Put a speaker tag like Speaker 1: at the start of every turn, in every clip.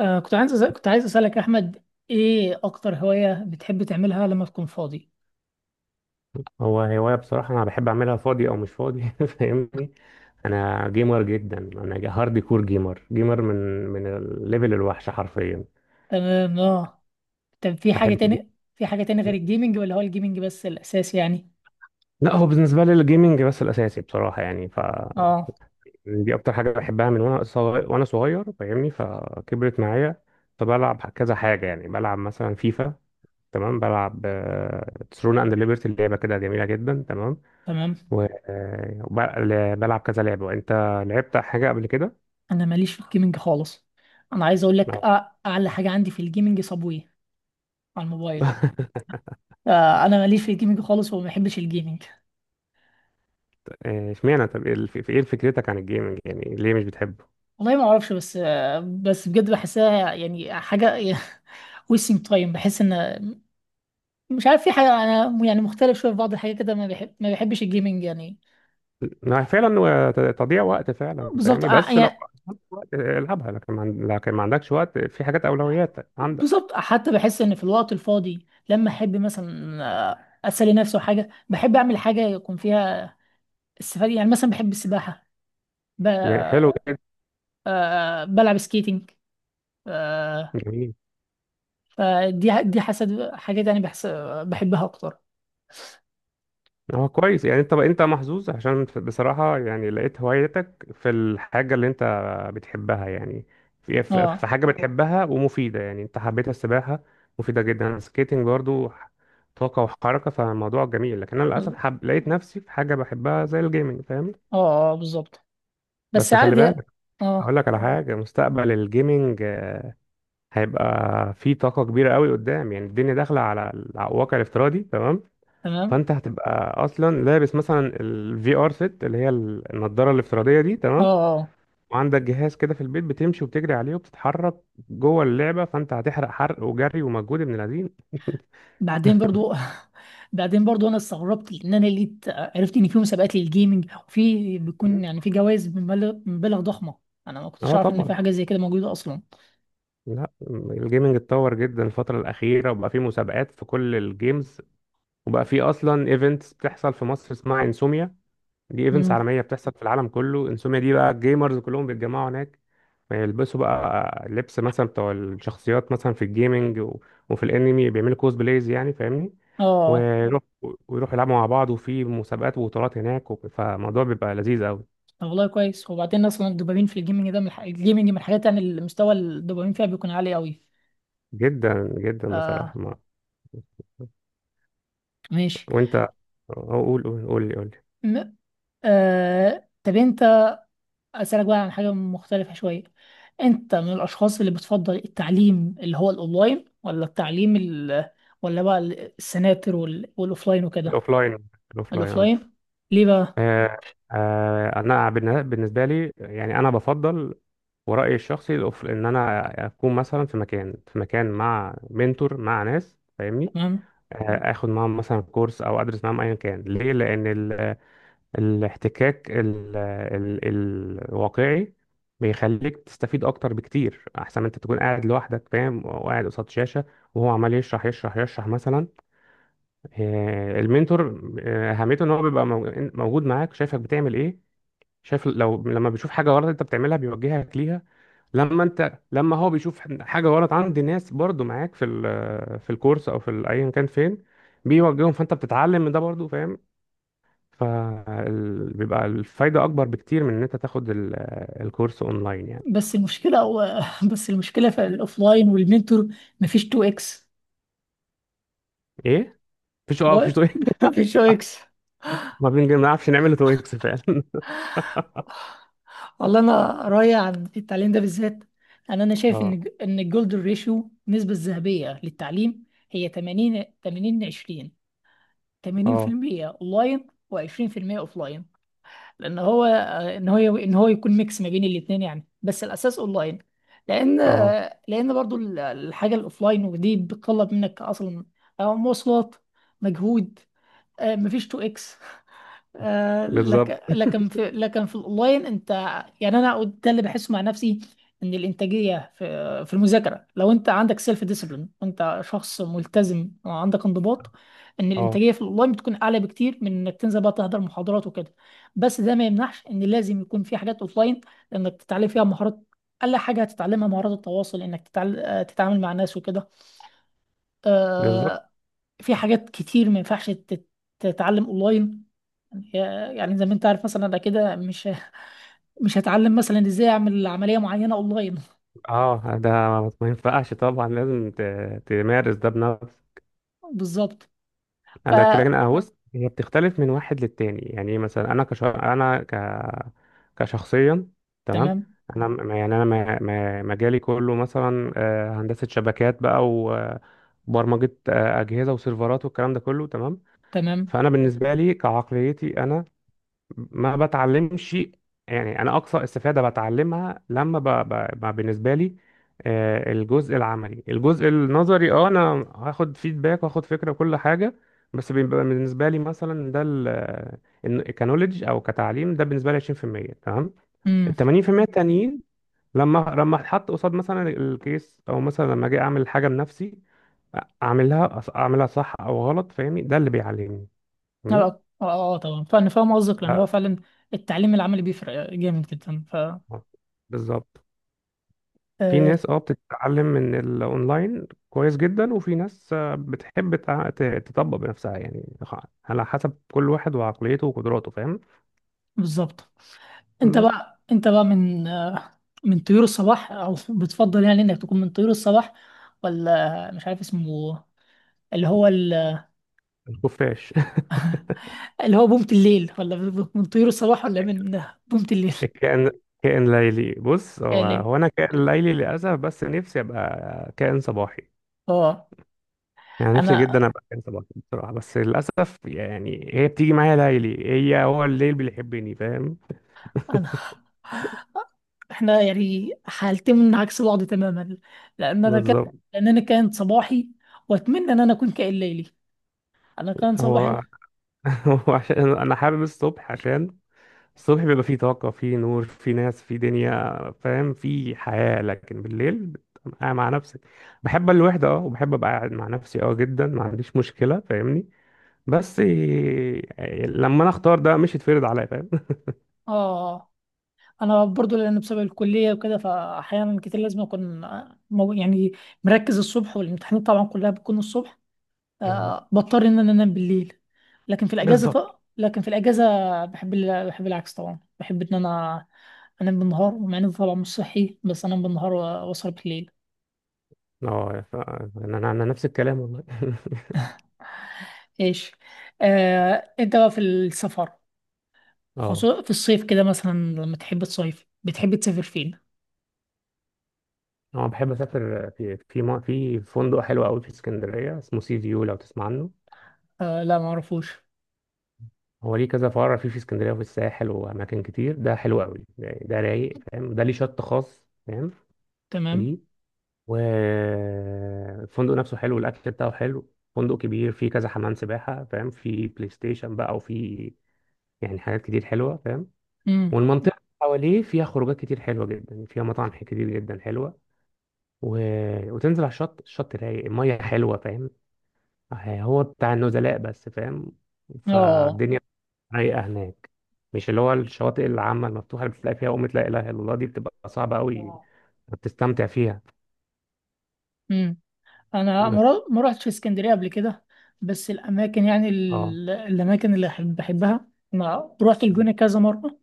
Speaker 1: كنت عايز أسألك أحمد، إيه أكتر هواية بتحب تعملها لما تكون فاضي؟
Speaker 2: هو هواية بصراحة أنا بحب أعملها فاضي أو مش فاضي فاهمني. أنا جيمر جدا. أنا هارد كور جيمر، جيمر من الليفل الوحش حرفيا.
Speaker 1: تمام. آه، طب
Speaker 2: بحب الجيم.
Speaker 1: في حاجة تاني غير الجيمنج ولا هو الجيمنج بس الأساس يعني؟
Speaker 2: لا، هو بالنسبة لي الجيمنج بس الأساسي بصراحة، يعني ف
Speaker 1: آه،
Speaker 2: دي أكتر حاجة بحبها من وأنا صغير، وأنا صغير فاهمني، فكبرت معايا. فبلعب كذا حاجة، يعني بلعب مثلا فيفا، تمام. بلعب ترون أند ليبرتي، لعبة كده جميلة جدا، تمام.
Speaker 1: تمام.
Speaker 2: وبلعب كذا لعبة. وأنت لعبت حاجة قبل كده؟
Speaker 1: أنا ماليش في الجيمنج خالص أنا عايز أقول لك،
Speaker 2: اه.
Speaker 1: آه، أعلى حاجة عندي في الجيمنج صابوي على الموبايل. آه، أنا ماليش في الجيمنج خالص وما بحبش الجيمنج.
Speaker 2: اشمعنى؟ طب ايه فكرتك عن الجيمنج، يعني ليه مش بتحبه؟
Speaker 1: والله ما أعرفش، بس آه، بس بجد بحسها يعني حاجة wasting time. بحس إن، مش عارف، في حاجة أنا يعني مختلف شوية في بعض الحاجات كده، ما بحبش الجيمنج يعني.
Speaker 2: ما فعلا هو تضييع وقت فعلا،
Speaker 1: بالظبط،
Speaker 2: فاهمني.
Speaker 1: آه،
Speaker 2: بس لو
Speaker 1: يعني
Speaker 2: عندك وقت، العبها، لكن ما عن- لكن ما عندكش وقت، في حاجات اولويات عندك.
Speaker 1: بالظبط، آه، حتى بحس إن في الوقت الفاضي لما أحب مثلا، آه، أسلي نفسي وحاجة، بحب أعمل حاجة يكون فيها استفادة يعني. مثلا بحب السباحة، ب...
Speaker 2: يعني حلو جدا.
Speaker 1: آه، بلعب سكيتنج، آه،
Speaker 2: جميل.
Speaker 1: فدي حسد حاجات يعني بحس، آه، بحبها أكتر.
Speaker 2: هو كويس، يعني انت محظوظ، عشان بصراحة يعني لقيت هوايتك في الحاجة اللي انت بتحبها يعني. في في
Speaker 1: اه
Speaker 2: في حاجة بتحبها ومفيدة، يعني انت حبيت السباحة، مفيدة جدا، السكيتنج برضو طاقة وحركة، فالموضوع جميل. لكن انا للأسف
Speaker 1: اه
Speaker 2: لقيت نفسي في حاجة بحبها زي الجيمنج، فاهم.
Speaker 1: بالظبط. بس
Speaker 2: بس خلي
Speaker 1: عادي.
Speaker 2: بالك،
Speaker 1: اه،
Speaker 2: اقول لك على حاجة. مستقبل الجيمنج هيبقى فيه طاقة كبيرة قوي قدام، يعني الدنيا داخلة على الواقع الافتراضي، تمام.
Speaker 1: تمام.
Speaker 2: فانت هتبقى اصلا لابس مثلا الفي ار سيت اللي هي النضاره الافتراضيه دي،
Speaker 1: اه.
Speaker 2: تمام.
Speaker 1: آه.
Speaker 2: وعندك جهاز كده في البيت بتمشي وبتجري عليه وبتتحرك جوه اللعبه، فانت هتحرق حرق وجري ومجهود ابن الذين
Speaker 1: بعدين برضو بعدين برضو انا استغربت ان انا لقيت عرفت ان في مسابقات للجيمنج وفي بيكون يعني في جوائز بمبالغ ضخمه. انا ما كنتش
Speaker 2: اه
Speaker 1: اعرف ان في
Speaker 2: طبعا.
Speaker 1: حاجه زي كده موجوده اصلا.
Speaker 2: لا، الجيمنج اتطور جدا الفتره الاخيره، وبقى فيه مسابقات في كل الجيمز، وبقى فيه اصلا ايفنتس بتحصل في مصر اسمها انسوميا. دي ايفنتس
Speaker 1: امم،
Speaker 2: عالميه بتحصل في العالم كله. انسوميا دي بقى الجيمرز كلهم بيتجمعوا هناك. بيلبسوا بقى لبس مثلا بتوع الشخصيات مثلا في الجيمنج وفي الانمي، بيعملوا كوز بلايز، يعني فاهمني.
Speaker 1: اه.
Speaker 2: ويروح ويروحوا يلعبوا مع بعض، وفي مسابقات وبطولات هناك، فالموضوع بيبقى لذيذ قوي.
Speaker 1: طب والله كويس. وبعدين اصلا الدوبامين في الجيمنج ده الجيمنج من الحاجات يعني المستوى الدوبامين فيها بيكون عالي قوي.
Speaker 2: جدا جدا بصراحه
Speaker 1: آه، ماشي.
Speaker 2: وانت، قول لي.
Speaker 1: م... آه، طب انت، أسألك بقى عن حاجة مختلفة شوية. أنت من الأشخاص اللي بتفضل التعليم اللي هو الأونلاين ولا ولا بقى السناتر والأوفلاين وكده؟
Speaker 2: الاوفلاين الاوفلاين.
Speaker 1: الأوفلاين. ليه بقى؟
Speaker 2: آه، انا بالنسبه لي يعني انا بفضل، ورأيي الشخصي ان انا اكون مثلا في مكان مع منتور مع ناس، فاهمني.
Speaker 1: تمام.
Speaker 2: اخد معاهم مثلا كورس او ادرس معاهم ايا كان. ليه؟ لان الاحتكاك الواقعي بيخليك تستفيد اكتر بكتير، احسن ما انت تكون قاعد لوحدك فاهم، وقاعد قصاد شاشة وهو عمال يشرح مثلا. المنتور اهميته ان هو بيبقى موجود معاك، شايفك بتعمل ايه. شايف لو لما بيشوف حاجة غلط انت بتعملها بيوجهك ليها. لما هو بيشوف حاجة غلط عند ناس برضو معاك في الكورس او ايا كان فين، بيوجههم، فانت بتتعلم من ده برضو فاهم. فبيبقى الفايدة اكبر بكتير من ان انت تاخد الكورس اونلاين يعني.
Speaker 1: بس المشكلة هو بس المشكلة في الأوفلاين والمنتور مفيش 2 اكس.
Speaker 2: ايه؟ مفيش. اه مفيش
Speaker 1: بقى-
Speaker 2: تو إكس.
Speaker 1: مفيش 2 اكس.
Speaker 2: ما بنعرفش نعمل تو اكس فعلا
Speaker 1: والله أنا رأيي عن التعليم ده بالذات، أنا شايف إن
Speaker 2: اه،
Speaker 1: الجولدن ريشيو النسبة الذهبية للتعليم هي 80 80 20.
Speaker 2: اه،
Speaker 1: 80% اونلاين و20% اوفلاين. لان هو، آه، ان هو يكون ميكس ما بين الاثنين يعني، بس الاساس اونلاين. لان،
Speaker 2: اه
Speaker 1: آه، لان برضو الحاجه الاوفلاين ودي بتطلب منك اصلا، آه، مواصلات، مجهود، آه، مفيش 2 اكس. آه،
Speaker 2: بالظبط،
Speaker 1: لك لكن في لكن في الاونلاين انت، يعني انا ده اللي بحسه مع نفسي، ان الانتاجيه في المذاكره لو انت عندك سيلف ديسيبلين وانت شخص ملتزم وعندك انضباط، ان
Speaker 2: اه
Speaker 1: الانتاجيه في الاونلاين بتكون اعلى بكتير من انك تنزل بقى تحضر محاضرات وكده. بس ده ما يمنعش ان لازم يكون في حاجات اوفلاين لانك تتعلم فيها مهارات. اقل حاجه هتتعلمها مهارات التواصل، انك آه، تتعامل مع ناس وكده.
Speaker 2: بالظبط،
Speaker 1: آه، في حاجات كتير ما ينفعش تتعلم اونلاين. يعني يعني زي ما انت عارف، مثلا انا كده مش مش هتعلم مثلا ازاي اعمل عمليه معينه اونلاين.
Speaker 2: اه. ده ما ينفعش طبعا، لازم تمارس ده بنفسك.
Speaker 1: بالظبط. ف،
Speaker 2: انا كده، انا بص، هي بتختلف من واحد للتاني، يعني إيه، مثلا انا كش انا ك كشخصيا، تمام.
Speaker 1: تمام.
Speaker 2: انا مجالي كله مثلا هندسه شبكات بقى، و- وبرمجه اجهزه وسيرفرات والكلام ده كله، تمام.
Speaker 1: تمام.
Speaker 2: فانا بالنسبه لي كعقليتي، انا ما بتعلمش، يعني انا اقصى استفاده بتعلمها لما ب... ب... ب... بالنسبه لي الجزء العملي. الجزء النظري، اه انا هاخد فيدباك واخد فكره وكل حاجه، بس بيبقى بالنسبه لي مثلا ده كنوليدج او كتعليم. ده بالنسبه لي 20%، تمام.
Speaker 1: امم.
Speaker 2: ال 80% التانيين لما لما اتحط قصاد مثلا الكيس، او مثلا لما اجي اعمل حاجه بنفسي، اعملها صح او غلط فاهمني، ده اللي بيعلمني فاهمني.
Speaker 1: طبعا فانا فاهم قصدك، لان هو
Speaker 2: ده
Speaker 1: فعلا التعليم العملي بيفرق جامد جدا. ف،
Speaker 2: آه، بالظبط. في
Speaker 1: آه،
Speaker 2: ناس اه بتتعلم من الاونلاين كويس جدا، وفي ناس بتحب تطبق بنفسها، يعني على حسب كل واحد وعقليته وقدراته، فاهم.
Speaker 1: بالظبط.
Speaker 2: بالظبط.
Speaker 1: انت بقى من، آه، من طيور الصباح، او بتفضل يعني انك تكون من طيور الصباح ولا، مش عارف اسمه، اللي هو
Speaker 2: الخفاش
Speaker 1: اللي هو بومة الليل؟ ولا من طيور الصباح ولا من بومة الليل؟
Speaker 2: الكائن، كائن ليلي. بص،
Speaker 1: يا
Speaker 2: هو
Speaker 1: ليل.
Speaker 2: هو انا كائن ليلي للاسف، بس نفسي ابقى كائن صباحي.
Speaker 1: اه،
Speaker 2: يعني نفسي
Speaker 1: انا
Speaker 2: جدا ابقى كائن صباحي بصراحة، بس للاسف يعني هي بتيجي معايا ليلي، هي هو الليل بيحبني، فاهم.
Speaker 1: انا، احنا يعني حالتين من عكس بعض تماما. لان انا كان
Speaker 2: بالظبط.
Speaker 1: لان انا كان صباحي، واتمنى ان انا اكون كائن ليلي. انا كان صباحي.
Speaker 2: هو هو عشان انا حابب الصبح، عشان الصبح بيبقى فيه طاقة، فيه نور، فيه ناس، فيه دنيا، فاهم، فيه حياة. لكن بالليل بتبقى قاعد مع نفسك. بحب الوحدة، اه، وبحب ابقى قاعد مع نفسي اه جدا، ما عنديش مشكلة فاهمني. بس لما انا اختار ده، مش يتفرض عليا فاهم.
Speaker 1: اه، انا برضو لان بسبب الكليه وكده، فاحيانا كتير لازم اكون، يعني مركز الصبح، والامتحانات طبعا كلها بتكون الصبح.
Speaker 2: اه
Speaker 1: آه، بضطر ان انا انام بالليل.
Speaker 2: بالظبط.
Speaker 1: لكن في الاجازه بحب بحب العكس طبعا. بحب ان انا انام بالنهار، ومع ان ده طبعا مش صحي، بس انام بالنهار و- واسهر بالليل.
Speaker 2: اه، ف- انا انا أنا نفس الكلام والله
Speaker 1: ايش، آه، انت بقى في السفر،
Speaker 2: اه.
Speaker 1: خصوصا في الصيف كده، مثلا لما تحب تصيف، بتحب تسافر فين؟
Speaker 2: انا بحب اسافر في فندق حلو قوي في اسكندرية اسمه سي فيو، لو تسمع عنه.
Speaker 1: آه، لا، ما اعرفوش.
Speaker 2: هو ليه كذا فرع في اسكندريه وفي الساحل واماكن كتير. ده حلو قوي ده, يعني ده رايق فاهم، ده ليه شط خاص فاهم
Speaker 1: تمام.
Speaker 2: ليه. والفندق نفسه حلو، والاكل بتاعه حلو، فندق كبير، فيه كذا حمام سباحه فاهم، في بلاي ستيشن بقى وفي يعني حاجات كتير حلوه فاهم.
Speaker 1: امم.
Speaker 2: والمنطقه اللي حواليه فيها خروجات كتير حلوه جدا، فيها مطاعم كتير جدا حلوه، و... وتنزل على الشط، الشط رايق، الميه حلوه فاهم، هو بتاع النزلاء بس فاهم،
Speaker 1: اه.
Speaker 2: فالدنيا رايقه هناك. مش اللي هو الشواطئ العامه المفتوحه اللي بتلاقي فيها قمه لا اله الا الله، دي بتبقى صعبه قوي بتستمتع فيها.
Speaker 1: امم. انا ما رو- ما روحتش اسكندريه قبل كده. بس الاماكن يعني
Speaker 2: اه،
Speaker 1: الاماكن اللي بحبها، انا روحت الجونه كذا مره،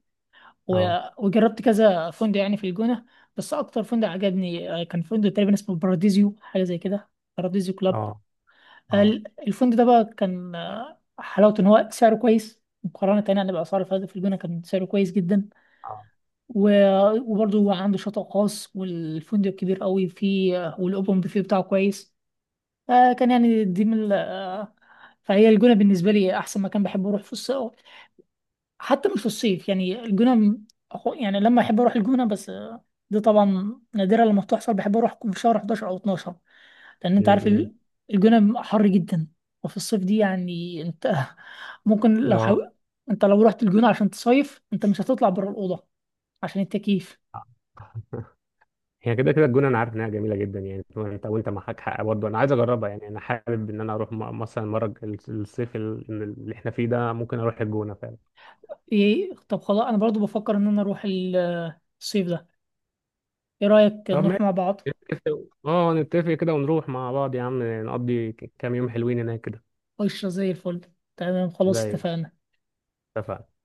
Speaker 2: اه،
Speaker 1: و- وجربت كذا فندق يعني في الجونه. بس اكتر فندق عجبني، آه، كان فندق تقريبا اسمه باراديزيو، حاجه زي كده، باراديزيو كلاب.
Speaker 2: اه، اه،
Speaker 1: الفندق ده بقى كان، آه، حلاوته ان هو سعره كويس مقارنة تاني يعني بأسعار الفنادق في الجونة، كان سعره كويس جدا.
Speaker 2: اه،
Speaker 1: وبرضه هو عنده شاطئ خاص، والفندق كبير قوي فيه، آه، والأوبن بوفيه بتاعه كويس. آه، كان يعني دي من آه، فهي الجونة بالنسبة لي أحسن مكان بحب أروح في الصيف. حتى مش في الصيف يعني، يعني لما أحب أروح الجونة، بس آه، دي طبعا نادرة لما بتحصل، بحب أروح في شهر 11 أو 12. لان
Speaker 2: م-
Speaker 1: انت عارف
Speaker 2: م.
Speaker 1: الجونه حر جدا. وفي الصيف دي يعني انت ممكن لو
Speaker 2: اه
Speaker 1: حاول، انت لو رحت الجونه عشان تصيف انت مش هتطلع بره الاوضه عشان التكييف.
Speaker 2: هي كده كده الجونه انا عارف انها جميله جدا، يعني انت وانت معاك حق برضه، انا عايز اجربها، يعني انا حابب ان انا اروح مثلا مره اللي احنا فيه ده، ممكن اروح الجونه فعلا.
Speaker 1: ايه، طب خلاص، انا برضو بفكر ان انا اروح الصيف ده. ايه رايك
Speaker 2: طب
Speaker 1: نروح
Speaker 2: ماشي،
Speaker 1: مع بعض؟
Speaker 2: اه نتفق كده ونروح مع بعض يا عم، نقضي كام يوم حلوين هناك كده.
Speaker 1: قشره زي الفل. تمام، خلاص،
Speaker 2: زي.
Speaker 1: اتفقنا.
Speaker 2: اتفقنا.